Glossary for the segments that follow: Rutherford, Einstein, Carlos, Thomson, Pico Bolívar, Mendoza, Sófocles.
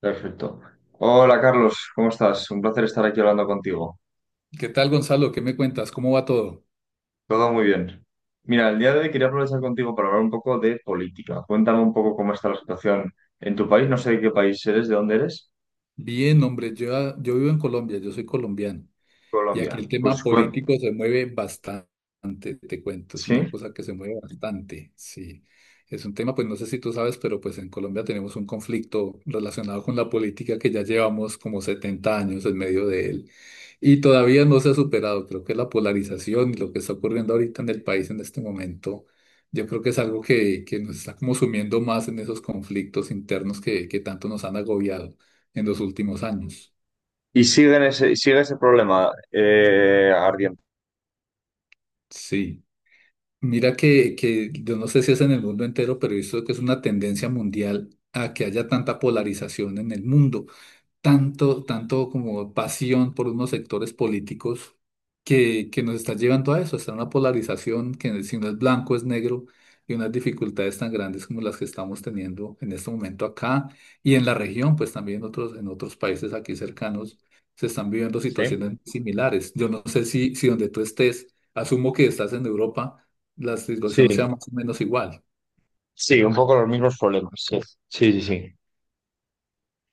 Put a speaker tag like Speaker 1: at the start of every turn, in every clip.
Speaker 1: Perfecto. Hola Carlos, ¿cómo estás? Un placer estar aquí hablando contigo.
Speaker 2: ¿Qué tal, Gonzalo? ¿Qué me cuentas? ¿Cómo va todo?
Speaker 1: Todo muy bien. Mira, el día de hoy quería aprovechar contigo para hablar un poco de política. Cuéntame un poco cómo está la situación en tu país. No sé de qué país eres, de dónde eres.
Speaker 2: Bien, hombre, yo vivo en Colombia, yo soy colombiano. Y aquí
Speaker 1: Colombia.
Speaker 2: el
Speaker 1: Pues
Speaker 2: tema político se mueve bastante, te cuento, es una
Speaker 1: sí.
Speaker 2: cosa que se mueve bastante, sí. Es un tema, pues no sé si tú sabes, pero pues en Colombia tenemos un conflicto relacionado con la política que ya llevamos como 70 años en medio de él y todavía no se ha superado. Creo que la polarización y lo que está ocurriendo ahorita en el país en este momento, yo creo que es algo que nos está como sumiendo más en esos conflictos internos que tanto nos han agobiado en los últimos años.
Speaker 1: Y sigue ese problema ardiente.
Speaker 2: Sí. Mira que yo no sé si es en el mundo entero, pero he visto que es una tendencia mundial a que haya tanta polarización en el mundo tanto como pasión por unos sectores políticos que nos está llevando a eso, está una polarización que si no es blanco es negro y unas dificultades tan grandes como las que estamos teniendo en este momento acá y en la región, pues también otros, en otros países aquí cercanos se están viviendo
Speaker 1: Sí.
Speaker 2: situaciones similares. Yo no sé si, si donde tú estés, asumo que estás en Europa, la situación sea
Speaker 1: Sí,
Speaker 2: más o menos igual.
Speaker 1: sí, un poco los mismos problemas. Sí, sí, sí, sí.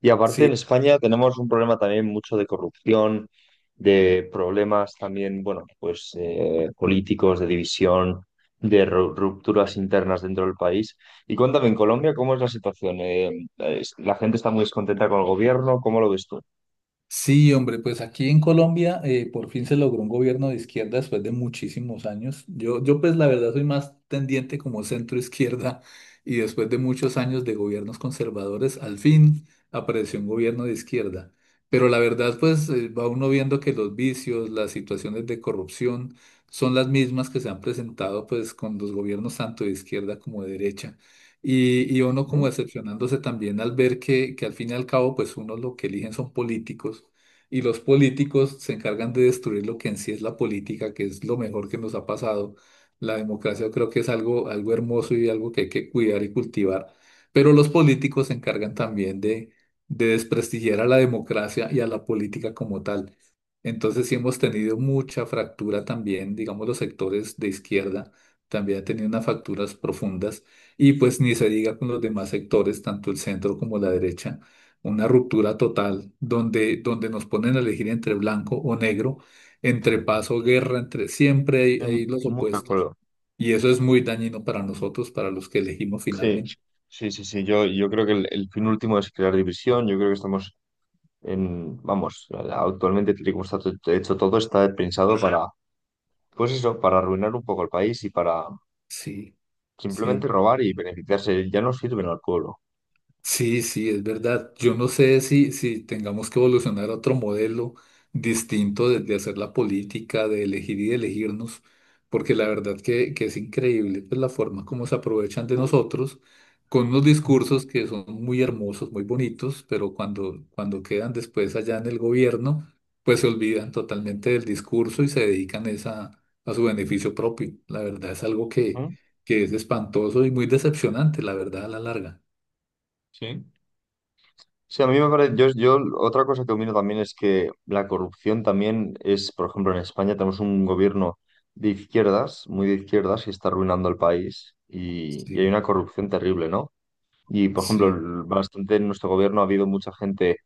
Speaker 1: Y aparte en
Speaker 2: Sí.
Speaker 1: España tenemos un problema también mucho de corrupción, de problemas también, bueno, pues políticos, de división, de rupturas internas dentro del país. Y cuéntame, en Colombia, ¿cómo es la situación? Es- la gente está muy descontenta con el gobierno, ¿cómo lo ves tú?
Speaker 2: Sí, hombre, pues aquí en Colombia por fin se logró un gobierno de izquierda después de muchísimos años. Yo pues la verdad soy más tendiente como centro izquierda y después de muchos años de gobiernos conservadores, al fin apareció un gobierno de izquierda. Pero la verdad pues va uno viendo que los vicios, las situaciones de corrupción son las mismas que se han presentado pues con los gobiernos tanto de izquierda como de derecha. Y uno
Speaker 1: Ujú.
Speaker 2: como decepcionándose también al ver que al fin y al cabo, pues uno lo que eligen son políticos y los políticos se encargan de destruir lo que en sí es la política, que es lo mejor que nos ha pasado. La democracia yo creo que es algo, algo hermoso y algo que hay que cuidar y cultivar, pero los políticos se encargan también de desprestigiar a la democracia y a la política como tal. Entonces sí hemos tenido mucha fractura también, digamos, los sectores de izquierda también han tenido unas fracturas profundas y pues ni se diga con los demás sectores, tanto el centro como la derecha, una ruptura total donde nos ponen a elegir entre blanco o negro, entre paz o guerra, entre siempre hay, hay los
Speaker 1: Muy de
Speaker 2: opuestos.
Speaker 1: acuerdo.
Speaker 2: Y eso es muy dañino para nosotros, para los que elegimos
Speaker 1: Sí,
Speaker 2: finalmente.
Speaker 1: sí, sí, sí. Yo creo que el fin último es crear división. Yo creo que estamos en, vamos, actualmente, tal y como está hecho todo, está pensado para. Pues eso, para arruinar un poco el país y para
Speaker 2: Sí,
Speaker 1: simplemente
Speaker 2: sí.
Speaker 1: robar y beneficiarse, ya no sirven al pueblo.
Speaker 2: Sí, sí, es verdad. Yo no sé si, si tengamos que evolucionar a otro modelo distinto de hacer la política, de elegir y de elegirnos, porque la verdad que es increíble pues, la forma como se aprovechan de nosotros con unos discursos que son muy hermosos, muy bonitos, pero cuando quedan después allá en el gobierno, pues se olvidan totalmente del discurso y se dedican es a su beneficio propio. La verdad es algo
Speaker 1: Ujú.
Speaker 2: que es espantoso y muy decepcionante, la verdad, a la larga.
Speaker 1: Sí. Sí, a mí me parece, yo otra cosa que opino también es que la corrupción también es, por ejemplo, en España tenemos un gobierno de izquierdas, muy de izquierdas, que está arruinando el país y hay
Speaker 2: Sí,
Speaker 1: una corrupción terrible, ¿no? Y, por ejemplo,
Speaker 2: sí.
Speaker 1: bastante en nuestro gobierno ha habido mucha gente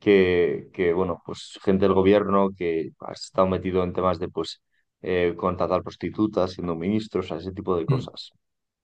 Speaker 1: que bueno, pues gente del gobierno que ha estado metido en temas de, pues, contratar prostitutas, siendo ministros, ese tipo de
Speaker 2: Mm,
Speaker 1: cosas.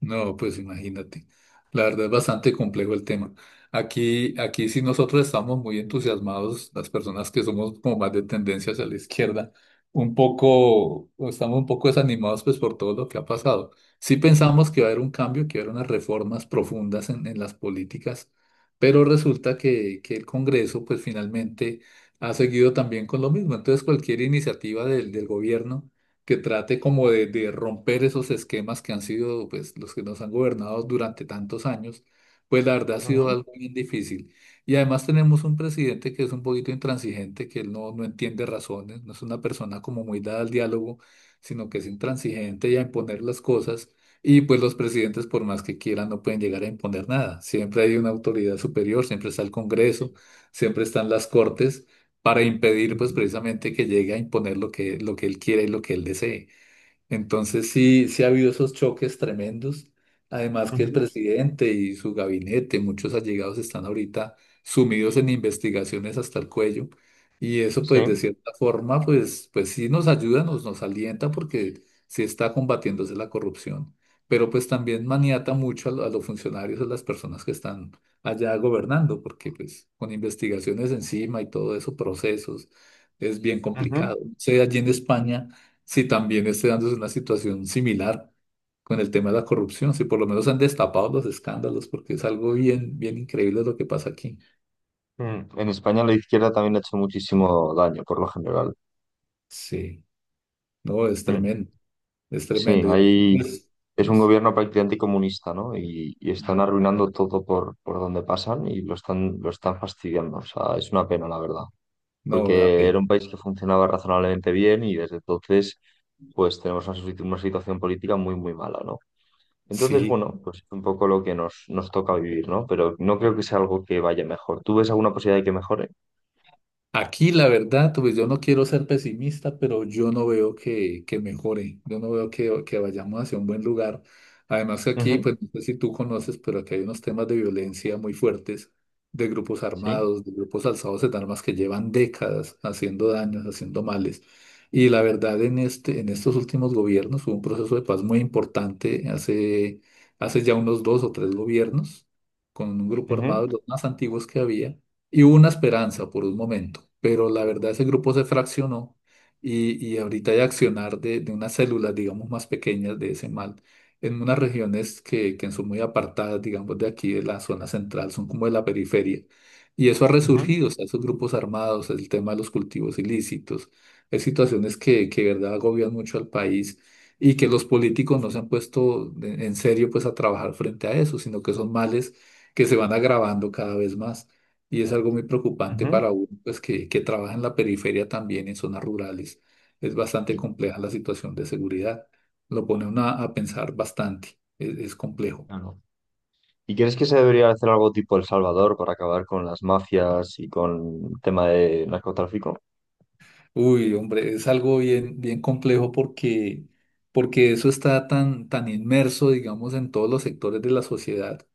Speaker 2: No, pues imagínate. La verdad es bastante complejo el tema. Aquí sí nosotros estamos muy entusiasmados, las personas que somos como más de tendencia hacia la izquierda, un poco, o estamos un poco desanimados pues por todo lo que ha pasado. Sí pensamos que va a haber un cambio, que va a haber unas reformas profundas en las políticas, pero resulta que el Congreso pues finalmente ha seguido también con lo mismo. Entonces cualquier iniciativa del, del gobierno que trate como de romper esos esquemas que han sido pues, los que nos han gobernado durante tantos años, pues la verdad ha sido
Speaker 1: Ujú,
Speaker 2: algo bien difícil. Y además tenemos un presidente que es un poquito intransigente, que él no, no entiende razones, no es una persona como muy dada al diálogo, sino que es intransigente y a imponer las cosas. Y pues los presidentes, por más que quieran, no pueden llegar a imponer nada. Siempre hay una autoridad superior, siempre está el Congreso, siempre están las Cortes para impedir pues precisamente que llegue a imponer lo que él quiera y lo que él desee. Entonces sí, sí ha habido esos choques tremendos. Además que el
Speaker 1: ujú.
Speaker 2: presidente y su gabinete, muchos allegados están ahorita sumidos en investigaciones hasta el cuello. Y eso pues de
Speaker 1: Sí.
Speaker 2: cierta forma pues, pues sí nos ayuda, nos, nos alienta porque sí está combatiéndose la corrupción. Pero pues también maniata mucho a, lo- a los funcionarios, a las personas que están allá gobernando, porque pues con investigaciones encima y todo eso, procesos, es bien
Speaker 1: Ujú, ujú.
Speaker 2: complicado. O sea, allí en España si también esté dándose una situación similar con el tema de la corrupción, si por lo menos han destapado los escándalos, porque es algo bien, bien increíble lo que pasa aquí.
Speaker 1: Mm. En España la izquierda también ha hecho muchísimo daño, por lo general.
Speaker 2: Sí, no, es
Speaker 1: Mm.
Speaker 2: tremendo, es
Speaker 1: Sí,
Speaker 2: tremendo. Y aquí,
Speaker 1: ahí
Speaker 2: pues,
Speaker 1: es un
Speaker 2: pues,
Speaker 1: gobierno prácticamente comunista, ¿no? Y están
Speaker 2: mm,
Speaker 1: arruinando todo por donde pasan y lo están fastidiando. O sea, es una pena, la verdad.
Speaker 2: no da
Speaker 1: Porque
Speaker 2: pena.
Speaker 1: era un país que funcionaba razonablemente bien y desde entonces pues tenemos una situación política muy, muy mala, ¿no? Entonces,
Speaker 2: Sí.
Speaker 1: bueno, pues es un poco lo que nos toca vivir, ¿no? Pero no creo que sea algo que vaya mejor. ¿Tú ves alguna posibilidad de que mejore?
Speaker 2: Aquí, la verdad, pues yo no quiero ser pesimista, pero yo no veo que mejore, yo no veo que vayamos hacia un buen lugar. Además que aquí,
Speaker 1: Ujú.
Speaker 2: pues no sé si tú conoces, pero aquí hay unos temas de violencia muy fuertes, de grupos
Speaker 1: Sí.
Speaker 2: armados, de grupos alzados en armas que llevan décadas haciendo daños, haciendo males. Y la verdad, en este, en estos últimos gobiernos hubo un proceso de paz muy importante hace, hace ya unos dos o tres gobiernos, con un grupo
Speaker 1: Ujú,
Speaker 2: armado, los más antiguos que había y hubo una esperanza por un momento, pero la verdad ese grupo se fraccionó y ahorita hay accionar de unas células, digamos, más pequeñas de ese mal en unas regiones que son muy apartadas, digamos, de aquí, de la zona central, son como de la periferia. Y eso ha
Speaker 1: ujú,
Speaker 2: resurgido, o sea, esos grupos armados, el tema de los cultivos ilícitos, es situaciones que de verdad agobian mucho al país y que los políticos no se han puesto en serio, pues, a trabajar frente a eso, sino que son males que se van agravando cada vez más y es algo muy preocupante
Speaker 1: ujú.
Speaker 2: para uno, pues que trabaja en la periferia también, en zonas rurales. Es bastante
Speaker 1: ¿Y,
Speaker 2: compleja la situación de seguridad. Lo pone uno a pensar bastante, es complejo.
Speaker 1: claro, y crees que se debería hacer algo tipo El Salvador para acabar con las mafias y con el tema de narcotráfico?
Speaker 2: Uy, hombre, es algo bien, bien complejo porque, porque eso está tan, tan inmerso, digamos, en todos los sectores de la sociedad.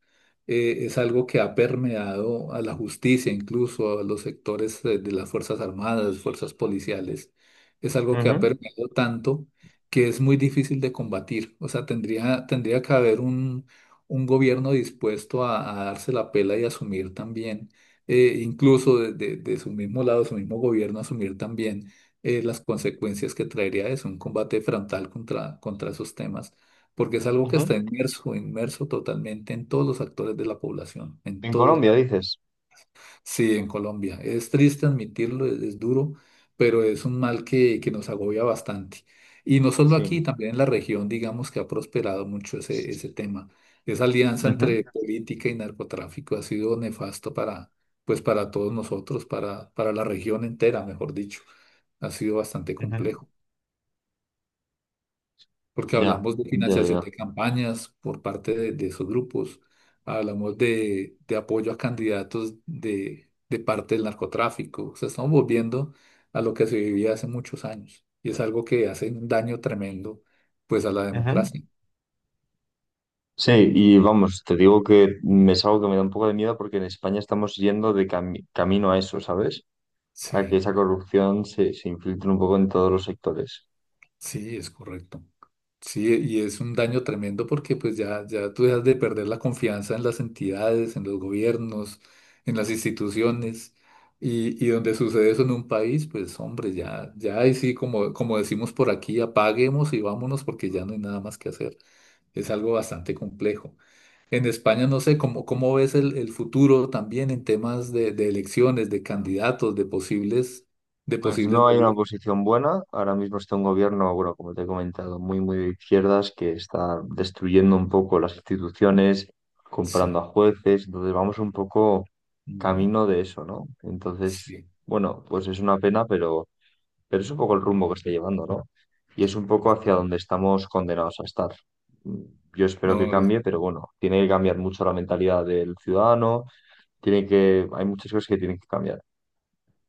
Speaker 2: Es algo que ha permeado a la justicia, incluso a los sectores de las Fuerzas Armadas, Fuerzas Policiales. Es algo que ha
Speaker 1: Ujú,
Speaker 2: permeado tanto que es muy difícil de combatir. O sea, tendría, tendría que haber un gobierno dispuesto a darse la pela y asumir también incluso de su mismo lado, su mismo gobierno, asumir también las consecuencias que traería eso, un combate frontal contra, contra esos temas, porque es algo que
Speaker 1: ujú.
Speaker 2: está inmerso, inmerso totalmente en todos los actores de la población, en
Speaker 1: En
Speaker 2: todos
Speaker 1: Colombia,
Speaker 2: lados.
Speaker 1: dices.
Speaker 2: Sí, en Colombia. Es triste admitirlo, es duro, pero es un mal que nos agobia bastante. Y no solo aquí,
Speaker 1: Sí.
Speaker 2: también en la región, digamos que ha prosperado mucho ese, ese tema. Esa alianza
Speaker 1: Ujú,
Speaker 2: entre política y narcotráfico ha sido nefasto para, pues para todos nosotros, para la región entera, mejor dicho. Ha sido bastante
Speaker 1: ujú.
Speaker 2: complejo. Porque
Speaker 1: Ya,
Speaker 2: hablamos de
Speaker 1: ya,
Speaker 2: financiación
Speaker 1: ya.
Speaker 2: de campañas por parte de esos grupos, hablamos de apoyo a candidatos de parte del narcotráfico, o sea, estamos volviendo a lo que se vivía hace muchos años y es algo que hace un daño tremendo pues a la
Speaker 1: Ujú.
Speaker 2: democracia.
Speaker 1: Sí, y vamos, te digo que me es algo que me da un poco de miedo porque en España estamos yendo de camino a eso, ¿sabes? A que
Speaker 2: Sí,
Speaker 1: esa corrupción se infiltre un poco en todos los sectores.
Speaker 2: sí, es correcto. Sí, y es un daño tremendo porque pues ya tú dejas de perder la confianza en las entidades, en los gobiernos, en las instituciones. Y donde sucede eso en un país, pues hombre, ya ahí sí, como, como decimos por aquí, apaguemos y vámonos porque ya no hay nada más que hacer. Es algo bastante complejo. En España, no sé, ¿cómo, cómo ves el futuro también en temas de elecciones, de candidatos, de
Speaker 1: Pues
Speaker 2: posibles
Speaker 1: no hay una
Speaker 2: gobiernos?
Speaker 1: oposición buena. Ahora mismo está un gobierno, bueno, como te he comentado, muy, muy de izquierdas que está destruyendo un poco las instituciones, comprando
Speaker 2: Sí,
Speaker 1: a jueces. Entonces vamos un poco
Speaker 2: no,
Speaker 1: camino de eso, ¿no? Entonces,
Speaker 2: sí.
Speaker 1: bueno, pues es una pena, pero... Pero es un poco el rumbo que está llevando, ¿no? Y es un poco hacia donde estamos condenados a estar. Mm, Yo espero que
Speaker 2: No,
Speaker 1: cambie, pero bueno, tiene que cambiar mucho la mentalidad del ciudadano, hay muchas cosas que tienen que cambiar.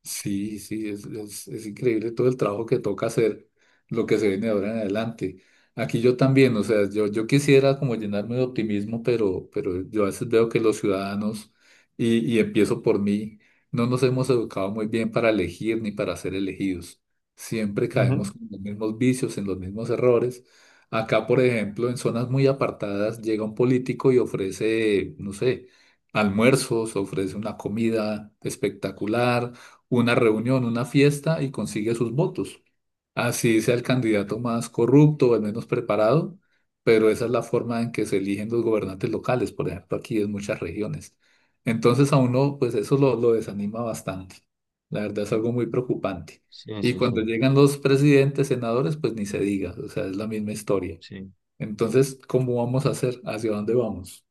Speaker 2: sí, sí, es increíble todo el trabajo que toca hacer, lo que se viene de ahora en adelante. Aquí yo también, o sea, yo quisiera como llenarme de optimismo, pero yo a veces veo que los ciudadanos, y empiezo por mí, no nos hemos educado muy bien para elegir ni para ser elegidos. Siempre
Speaker 1: Ujú.
Speaker 2: caemos en los mismos vicios, en los mismos errores. Acá, por ejemplo, en zonas muy apartadas, llega un político y ofrece, no sé, almuerzos, ofrece una comida espectacular una reunión, una fiesta y consigue sus votos. Así sea el candidato más corrupto o el menos preparado, pero esa es la forma en que se eligen los gobernantes locales, por ejemplo, aquí en muchas regiones. Entonces a uno, pues eso lo desanima bastante. La verdad es
Speaker 1: Sí,
Speaker 2: algo muy preocupante.
Speaker 1: sí,
Speaker 2: Y
Speaker 1: sí, sí,
Speaker 2: cuando llegan los presidentes, senadores, pues ni se diga, o sea, es la misma historia.
Speaker 1: sí.
Speaker 2: Entonces, ¿cómo vamos a hacer? ¿Hacia dónde vamos?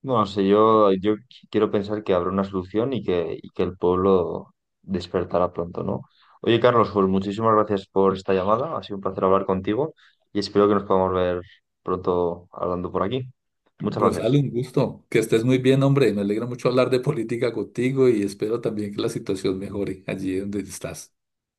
Speaker 1: No sé, yo quiero pensar que habrá una solución y que el pueblo despertará pronto, ¿no? Oye, Carlos, pues muchísimas gracias por esta llamada. Ha sido un placer hablar contigo y espero que nos podamos ver pronto hablando por aquí. Muchas
Speaker 2: Gonzalo,
Speaker 1: gracias.
Speaker 2: un gusto. Que estés muy bien, hombre. Me alegra mucho hablar de política contigo y espero también que la situación mejore allí donde estás.